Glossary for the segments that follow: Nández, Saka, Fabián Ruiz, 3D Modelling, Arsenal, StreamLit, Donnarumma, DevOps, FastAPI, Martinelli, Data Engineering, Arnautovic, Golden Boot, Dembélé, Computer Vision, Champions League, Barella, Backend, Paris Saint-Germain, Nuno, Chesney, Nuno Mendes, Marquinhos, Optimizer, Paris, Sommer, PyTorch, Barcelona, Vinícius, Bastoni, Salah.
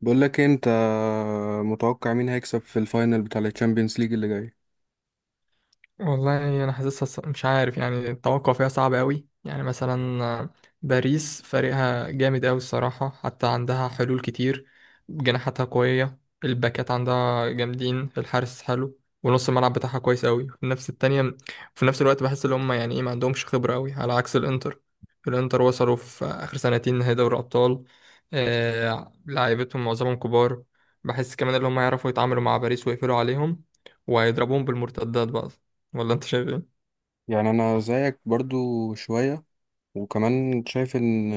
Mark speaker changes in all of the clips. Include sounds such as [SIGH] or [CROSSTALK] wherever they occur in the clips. Speaker 1: بقول لك إيه، انت متوقع مين هيكسب في الفاينل بتاع الشامبيونز ليج اللي جاي؟
Speaker 2: والله انا حاسسها مش عارف يعني التوقع فيها صعب قوي يعني مثلا باريس فريقها جامد قوي الصراحه، حتى عندها حلول كتير، جناحاتها قويه، الباكات عندها جامدين، الحارس حلو، ونص الملعب بتاعها كويس قوي في نفس التانية. في نفس الوقت بحس ان هم يعني ايه ما عندهمش خبره قوي على عكس الانتر. الانتر وصلوا في اخر سنتين نهائي دوري ابطال. آه لعيبتهم معظمهم كبار. بحس كمان ان هم يعرفوا يتعاملوا مع باريس ويقفلوا عليهم، وهيضربوهم بالمرتدات بقى. ولا انت شايف ايه؟
Speaker 1: يعني انا زيك برضو شوية، وكمان شايف ان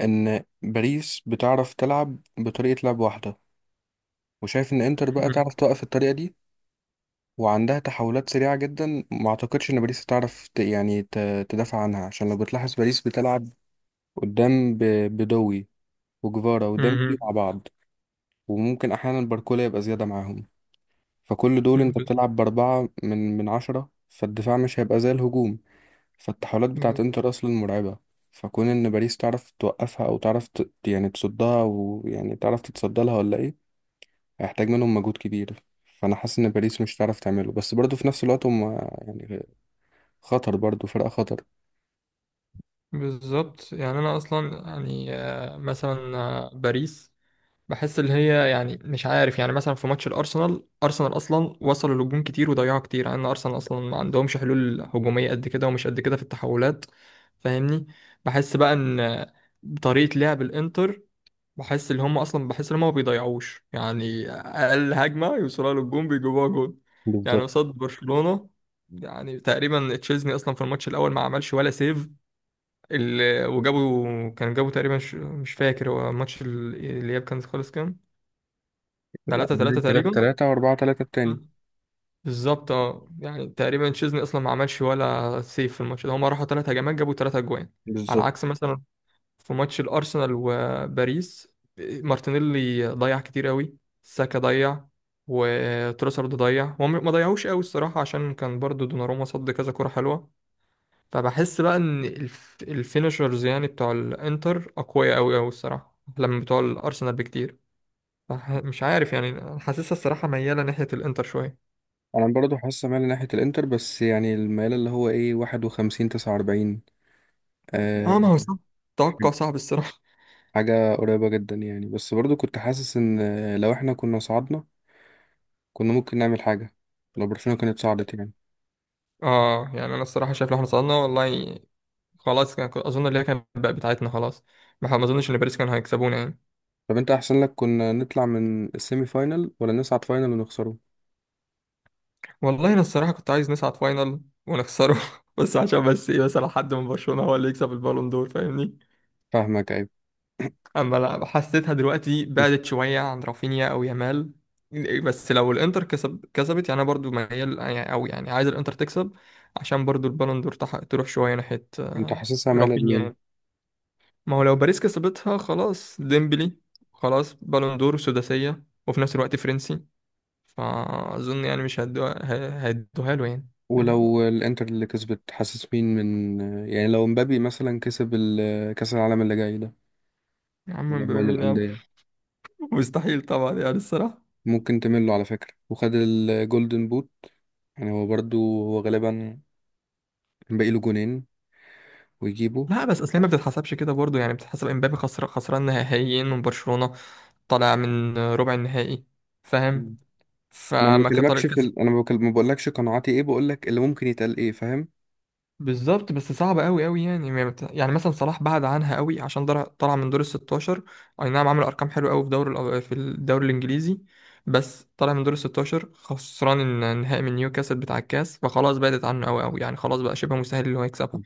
Speaker 1: ان باريس بتعرف تلعب بطريقة لعب واحدة، وشايف ان انتر بقى
Speaker 2: مم.
Speaker 1: تعرف توقف الطريقة دي وعندها تحولات سريعة جدا. ما اعتقدش ان باريس تعرف يعني تدافع عنها، عشان لو بتلاحظ باريس بتلعب قدام بدوي وجفارا وديمبلي
Speaker 2: مم.
Speaker 1: مع بعض، وممكن احيانا باركولا يبقى زيادة معاهم. فكل دول
Speaker 2: مم.
Speaker 1: انت بتلعب بأربعة من عشرة، فالدفاع مش هيبقى زي الهجوم. فالتحولات بتاعت
Speaker 2: ب-
Speaker 1: انتر أصلا مرعبة، فكون إن باريس تعرف توقفها أو تعرف يعني تصدها ويعني تعرف تتصدى لها ولا إيه، هيحتاج منهم مجهود كبير. فأنا حاسس إن باريس مش هتعرف تعمله، بس برضه في نفس الوقت هم يعني خطر، برضه فرقة خطر.
Speaker 2: بالظبط يعني انا اصلا يعني مثلا باريس بحس اللي هي يعني مش عارف، يعني مثلا في ماتش الارسنال، ارسنال اصلا وصلوا لهجوم كتير وضيعوا كتير، يعني ارسنال اصلا ما عندهمش حلول هجوميه قد كده، ومش قد كده في التحولات، فاهمني. بحس بقى ان طريقه لعب الانتر، بحس ان هم ما بيضيعوش، يعني اقل هجمه يوصلها للجون بيجيبوها جون. يعني
Speaker 1: بالظبط.
Speaker 2: قصاد برشلونه، يعني تقريبا تشيزني اصلا في الماتش الاول ما عملش ولا سيف. وجابوا، جابوا تقريبا مش فاكر، هو ماتش الاياب كان خالص كام؟ 3
Speaker 1: الأولاني
Speaker 2: 3
Speaker 1: تلاتة
Speaker 2: تقريبا.
Speaker 1: تلاتة و4-3 التاني.
Speaker 2: بالظبط، اه يعني تقريبا تشيزني اصلا ما عملش ولا سيف في الماتش ده، هم راحوا ثلاث هجمات جابوا ثلاث اجوان. على
Speaker 1: بالظبط.
Speaker 2: عكس مثلا في ماتش الارسنال وباريس، مارتينيلي ضيع كتير قوي، ساكا ضيع، وتروسارد ضيع، هم ما ضيعوش قوي الصراحه عشان كان برضو دوناروما صد كذا كره حلوه. فبحس بقى ان الفينشرز يعني بتوع الانتر اقوياء قوي قوي الصراحه لما بتوع الارسنال بكتير. مش عارف يعني، حاسسها الصراحه مياله ناحيه الانتر شويه.
Speaker 1: أنا برضه حاسس مايل ناحية الإنتر، بس يعني الميل اللي هو إيه 51-49. أه.
Speaker 2: اه ما هو صعب، توقع صعب الصراحه.
Speaker 1: حاجة قريبة جدا يعني، بس برضو كنت حاسس ان لو احنا كنا صعدنا كنا ممكن نعمل حاجة، لو برشلونة كانت صعدت يعني.
Speaker 2: اه يعني انا الصراحه شايف لو احنا صعدنا والله خلاص، كنت اظن اللي هي كانت بقى بتاعتنا خلاص. ما اظنش ان باريس كانوا هيكسبونا يعني.
Speaker 1: طب انت احسن لك كنا نطلع من السيمي فاينال ولا نصعد فاينال ونخسره؟
Speaker 2: والله انا الصراحه كنت عايز نصعد فاينل ونخسره [LAUGHS] بس عشان ايه، مثلا حد من برشلونه هو اللي يكسب البالون دور، فاهمني.
Speaker 1: فاهمك، عيب.
Speaker 2: اما لا، حسيتها دلوقتي بعدت شويه عن رافينيا او يامال. بس لو الانتر كسبت يعني انا برضو ميال، يعني او يعني عايز الانتر تكسب عشان برضو البالون دور تروح شويه ناحيه
Speaker 1: انت حاسسها مالة
Speaker 2: رافينيا
Speaker 1: لمين؟
Speaker 2: يعني. ما هو لو باريس كسبتها خلاص ديمبلي، خلاص بالون دور سداسيه وفي نفس الوقت فرنسي، فأظن يعني مش هدوها، هيدوها له يعني. فاهم؟
Speaker 1: ولو الانتر اللي كسبت حاسس مين من؟ يعني لو مبابي مثلا كسب كأس العالم اللي جاي ده،
Speaker 2: يا عم
Speaker 1: اللي هو
Speaker 2: مبابي مين يا عم.
Speaker 1: للأندية.
Speaker 2: [LAUGHS] مستحيل طبعا يعني الصراحة.
Speaker 1: ممكن تمله على فكرة وخد الجولدن بوت، يعني هو برضو، هو غالبا باقي له جونين ويجيبه.
Speaker 2: لا بس اصل هي ما بتتحسبش كده برضه يعني، بتتحسب امبابي خسر خسران نهائيين من برشلونة، طالع من ربع النهائي، فاهم؟
Speaker 1: انا ما
Speaker 2: فما كان طارق.
Speaker 1: بكلمكش في ال... انا ما بكلم- ما بقولكش قناعاتي ايه، بقولك اللي ممكن يتقال ايه. فاهم؟
Speaker 2: بالظبط، بس صعبة قوي قوي يعني ما بت- يعني مثلا صلاح بعد عنها قوي عشان طلع من دور ال 16. اي نعم عمل ارقام حلوه قوي في الدوري الانجليزي، بس طلع من دور ال 16 خسران النهائي من نيوكاسل بتاع الكاس، فخلاص بعدت عنه قوي قوي يعني، خلاص بقى شبه مستحيل اللي هو يكسبها.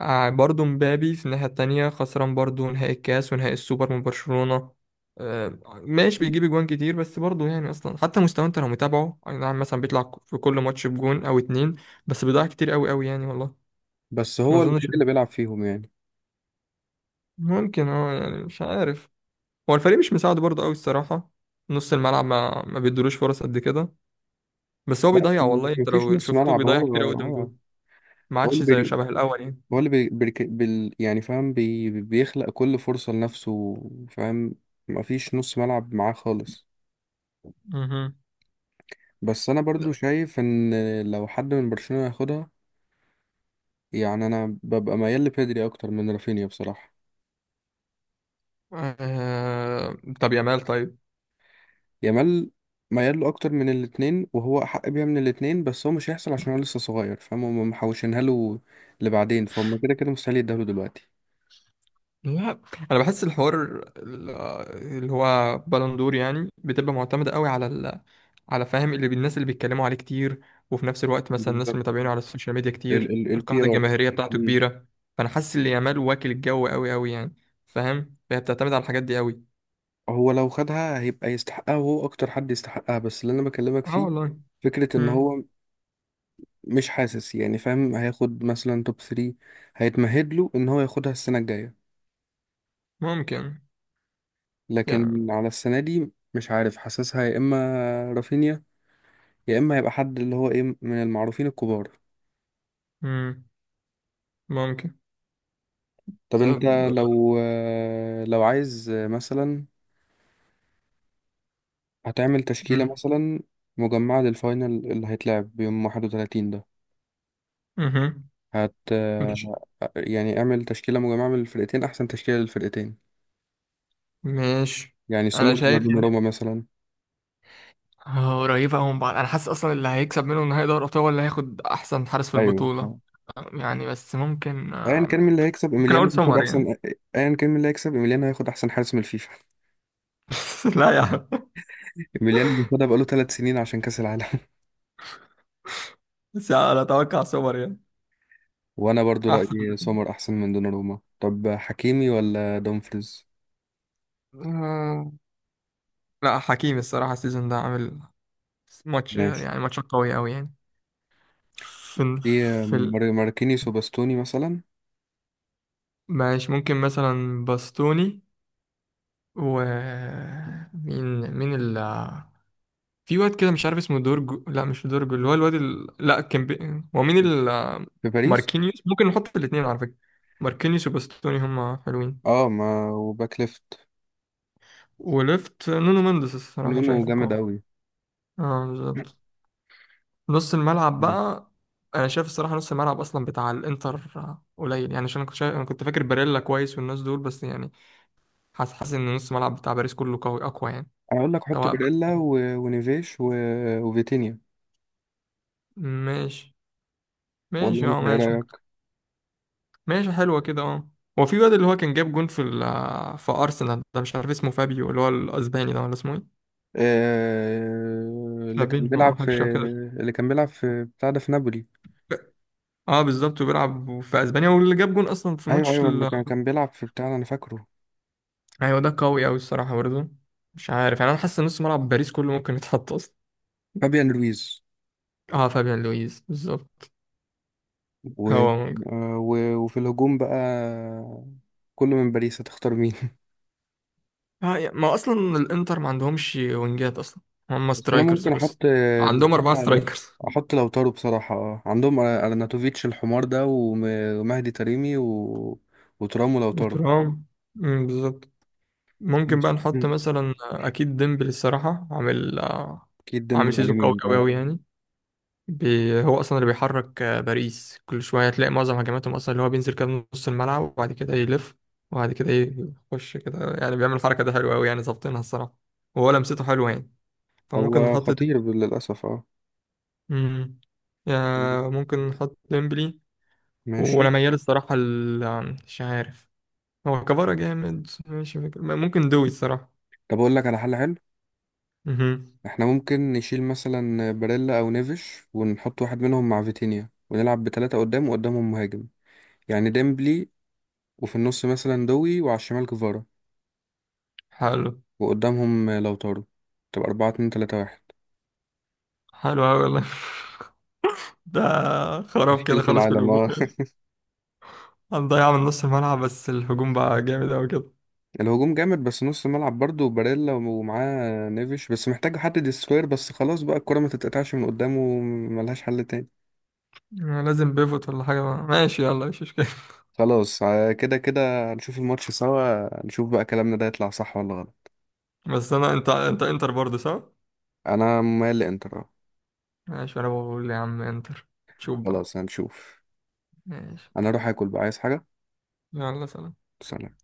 Speaker 2: برضه مبابي في الناحية التانية خسران برضه نهائي الكاس ونهائي السوبر من برشلونة. ماشي بيجيب اجوان كتير، بس برضه يعني اصلا حتى مستواه انت لو متابعه، اي نعم مثلا بيطلع في كل ماتش بجون او اتنين، بس بيضيع كتير قوي قوي يعني والله.
Speaker 1: بس
Speaker 2: ما
Speaker 1: هو الوحيد
Speaker 2: اظنش.
Speaker 1: اللي بيلعب فيهم يعني.
Speaker 2: ممكن، اه يعني مش عارف، هو الفريق مش مساعده برضه قوي الصراحه، نص الملعب ما بيدولوش فرص قد كده. بس هو
Speaker 1: لا،
Speaker 2: بيضيع، والله انت
Speaker 1: مفيش
Speaker 2: لو
Speaker 1: نص
Speaker 2: شفته
Speaker 1: ملعب
Speaker 2: بيضيع
Speaker 1: هو.
Speaker 2: كتير قوي قدام الجون،
Speaker 1: اه.
Speaker 2: ما
Speaker 1: هو
Speaker 2: عادش
Speaker 1: اللي
Speaker 2: زي
Speaker 1: بي...
Speaker 2: شبه الاول يعني.
Speaker 1: هو اللي يعني فاهم، بيخلق كل فرصة لنفسه. فاهم؟ مفيش نص ملعب معاه خالص.
Speaker 2: مهم.
Speaker 1: بس انا برضو شايف ان لو حد من برشلونة ياخدها، يعني انا ببقى ميال لبيدري اكتر من رافينيا بصراحة.
Speaker 2: طب يامال طيب.
Speaker 1: يامال ميال له اكتر من الاتنين، وهو احق بيها من الاتنين، بس هو مش هيحصل عشان هو لسه صغير. فاهم؟ هما محوشينها له لبعدين، فهم كده كده مستحيل يديها له دلوقتي.
Speaker 2: لا انا بحس الحوار، ال- اللي هو بالندور يعني بتبقى معتمده قوي على على، فاهم؟ اللي الناس اللي بيتكلموا عليه كتير، وفي نفس الوقت مثلا الناس اللي
Speaker 1: بالظبط.
Speaker 2: متابعينه على السوشيال ميديا
Speaker 1: ال
Speaker 2: كتير،
Speaker 1: ال البي
Speaker 2: القاعده
Speaker 1: ار.
Speaker 2: الجماهيريه بتاعته كبيره. فانا حاسس ان يامال واكل الجو قوي قوي يعني، فاهم؟ فهي بتعتمد على الحاجات دي قوي.
Speaker 1: هو لو خدها هيبقى يستحقها، وهو اكتر حد يستحقها، بس اللي انا بكلمك
Speaker 2: اه
Speaker 1: فيه
Speaker 2: والله.
Speaker 1: فكرة ان
Speaker 2: مم.
Speaker 1: هو مش حاسس يعني، فاهم، هياخد مثلا توب 3. هيتمهد له ان هو ياخدها السنة الجاية.
Speaker 2: ممكن
Speaker 1: لكن
Speaker 2: يعني.
Speaker 1: على السنة دي مش عارف، حاسسها يا اما رافينيا، يا اما هيبقى حد اللي هو ايه من المعروفين الكبار.
Speaker 2: مم. ممكن.
Speaker 1: طب
Speaker 2: طب.
Speaker 1: انت لو لو عايز مثلا هتعمل تشكيلة
Speaker 2: مم.
Speaker 1: مثلا مجمعة للفاينل اللي هيتلعب يوم 31 ده،
Speaker 2: مهم.
Speaker 1: هت
Speaker 2: ماشي.
Speaker 1: يعني اعمل تشكيلة مجمعة من الفرقتين، أحسن تشكيلة للفرقتين.
Speaker 2: ماشي،
Speaker 1: يعني
Speaker 2: انا
Speaker 1: سومر ولا
Speaker 2: شايف
Speaker 1: دوناروما مثلا؟
Speaker 2: قريبة أوي من بعض، أنا حاسس أصلا اللي هيكسب منهم نهائي دوري الأبطال هو اللي هياخد أحسن حارس في
Speaker 1: ايوه،
Speaker 2: البطولة
Speaker 1: اه.
Speaker 2: يعني. بس ممكن
Speaker 1: ايا كان مين اللي هيكسب
Speaker 2: ممكن
Speaker 1: ايميليانو
Speaker 2: أقول
Speaker 1: هياخد
Speaker 2: سمر يعني.
Speaker 1: احسن. ايا كان مين اللي هيكسب ايميليانو هياخد احسن حارس من الفيفا.
Speaker 2: [LAUGHS] لا يا عم،
Speaker 1: ايميليانو بياخدها بقاله 3 سنين عشان كأس العالم.
Speaker 2: بس انا اتوقع سوبر يعني.
Speaker 1: [LAUGHS] وانا برضو
Speaker 2: احسن
Speaker 1: رأيي سومر احسن من دوناروما. طب حكيمي ولا دومفريز؟
Speaker 2: آه، لا، حكيمي الصراحة السيزون ده عامل ماتش،
Speaker 1: ماشي.
Speaker 2: يعني ماتش قوي أوي يعني. في
Speaker 1: في
Speaker 2: في ال...
Speaker 1: ماركينيوس وباستوني مثلا.
Speaker 2: ماشي ممكن مثلا باستوني، و مين مين، في واد كده مش عارف اسمه دورجو، لا مش دورجو، اللي هو الواد لا كان هو مين
Speaker 1: في باريس.
Speaker 2: ماركينيوس، ممكن نحط الاثنين على فكرة، ماركينيوس وباستوني هما حلوين.
Speaker 1: اه، ما وباك ليفت.
Speaker 2: وليفت نونو مندس الصراحة
Speaker 1: نونو
Speaker 2: شايفه
Speaker 1: جامد
Speaker 2: قوي.
Speaker 1: قوي.
Speaker 2: اه بالظبط.
Speaker 1: [CLEARS THROAT]
Speaker 2: نص الملعب بقى، انا شايف الصراحة نص الملعب اصلا بتاع الانتر قليل يعني، عشان انا كنت فاكر باريلا كويس والناس دول، بس يعني حاسس ان نص الملعب بتاع باريس كله قوي اقوى يعني.
Speaker 1: اقول لك حط
Speaker 2: سواء
Speaker 1: باريلا
Speaker 2: بقى.
Speaker 1: ونيفيش وفيتينيا.
Speaker 2: ماشي.
Speaker 1: ولا
Speaker 2: ماشي اه
Speaker 1: انت ايه
Speaker 2: ماشي.
Speaker 1: رايك؟
Speaker 2: ماشي، حلوة كده، اه. هو في واد اللي هو كان جاب جون في ال في أرسنال ده مش عارف اسمه، فابيو اللي هو الأسباني ده ولا اسمه ايه؟
Speaker 1: اللي كان
Speaker 2: فابينho أو
Speaker 1: بيلعب
Speaker 2: حاجة
Speaker 1: في،
Speaker 2: شبه كده.
Speaker 1: اللي كان بيلعب في بتاع ده في نابولي.
Speaker 2: اه بالظبط، وبيلعب في أسبانيا، واللي جاب جون أصلا في
Speaker 1: ايوه،
Speaker 2: ماتش
Speaker 1: ايوه، اللي
Speaker 2: ال...
Speaker 1: كان بيلعب في بتاع ده، انا فاكره.
Speaker 2: أيوة ده قوي أوي الصراحة برضه، مش عارف يعني، أنا حاسس إن نص ملعب باريس كله ممكن يتحط أصلا.
Speaker 1: فابيان رويز
Speaker 2: اه فابيان لويز بالظبط.
Speaker 1: و...
Speaker 2: هو ممكن
Speaker 1: وفي الهجوم بقى، كله من باريس هتختار مين؟
Speaker 2: ما أصلا الإنتر ما عندهمش وينجات أصلا، هم
Speaker 1: بس انا
Speaker 2: سترايكرز
Speaker 1: ممكن احط،
Speaker 2: بس، عندهم أربعة
Speaker 1: بصراحه
Speaker 2: سترايكرز
Speaker 1: احط لوتارو بصراحه. آه. عندهم ارناتوفيتش الحمار ده ومهدي تريمي وترام ولوتارو.
Speaker 2: وترام. مم، بالظبط. ممكن بقى نحط
Speaker 1: مم.
Speaker 2: مثلا اكيد ديمبلي الصراحه، عامل
Speaker 1: اكيد
Speaker 2: عامل
Speaker 1: ديمبلي على
Speaker 2: سيزون قوي
Speaker 1: اليمين،
Speaker 2: قوي
Speaker 1: اه.
Speaker 2: قوي يعني. بي هو اصلا اللي بيحرك باريس، كل شويه هتلاقي معظم هجماتهم اصلا اللي هو بينزل كده من نص الملعب، وبعد كده يلف، وبعد كده يخش كده، يعني بيعمل الحركه ده حلوه قوي يعني، ظابطينها الصراحه. وهو لمسته حلوه يعني، فممكن
Speaker 1: هو
Speaker 2: نحط دي.
Speaker 1: خطير للاسف، اه.
Speaker 2: مم. يا ممكن نحط ديمبلي،
Speaker 1: ماشي.
Speaker 2: وانا ميال الصراحه مش عارف، هو كفارة جامد، مش فاكر، ممكن دوي الصراحه.
Speaker 1: طب اقول لك على حل حلو.
Speaker 2: مهم.
Speaker 1: احنا ممكن نشيل مثلا باريلا او نيفش ونحط واحد منهم مع فيتينيا ونلعب بثلاثه قدام وقدامهم مهاجم. يعني ديمبلي، وفي النص مثلا دوي، وعلى الشمال كفارا،
Speaker 2: حلو.
Speaker 1: وقدامهم لوتارو. تبقى 4-2-3-1.
Speaker 2: حلو أوي والله. [LAUGHS] ده خراب
Speaker 1: تشكيلة
Speaker 2: كده خالص في
Speaker 1: العالم،
Speaker 2: الهجوم
Speaker 1: اه.
Speaker 2: يعني، هنضيع من نص الملعب بس الهجوم بقى جامد أوي كده.
Speaker 1: [LAUGHS] الهجوم جامد، بس نص ملعب برضه، وباريلا ومعاه نيفيش، بس محتاج حد ديستروير بس خلاص بقى، الكرة ما تتقطعش من قدامه. ملهاش حل تاني.
Speaker 2: لازم بيفوت ولا حاجة بقى. ماشي يلا مش مشكلة.
Speaker 1: خلاص آه، كده كده هنشوف الماتش سوا، نشوف بقى كلامنا ده يطلع صح ولا غلط.
Speaker 2: [LAUGHS] بس أنا، أنت إنتر برضه صح؟
Speaker 1: انا مال انتر، آه.
Speaker 2: ماشي، أنا بقول يا عم إنتر، شوف بقى.
Speaker 1: خلاص هنشوف.
Speaker 2: ماشي
Speaker 1: انا اروح اكل بقى، عايز حاجة.
Speaker 2: يلا سلام.
Speaker 1: سلام.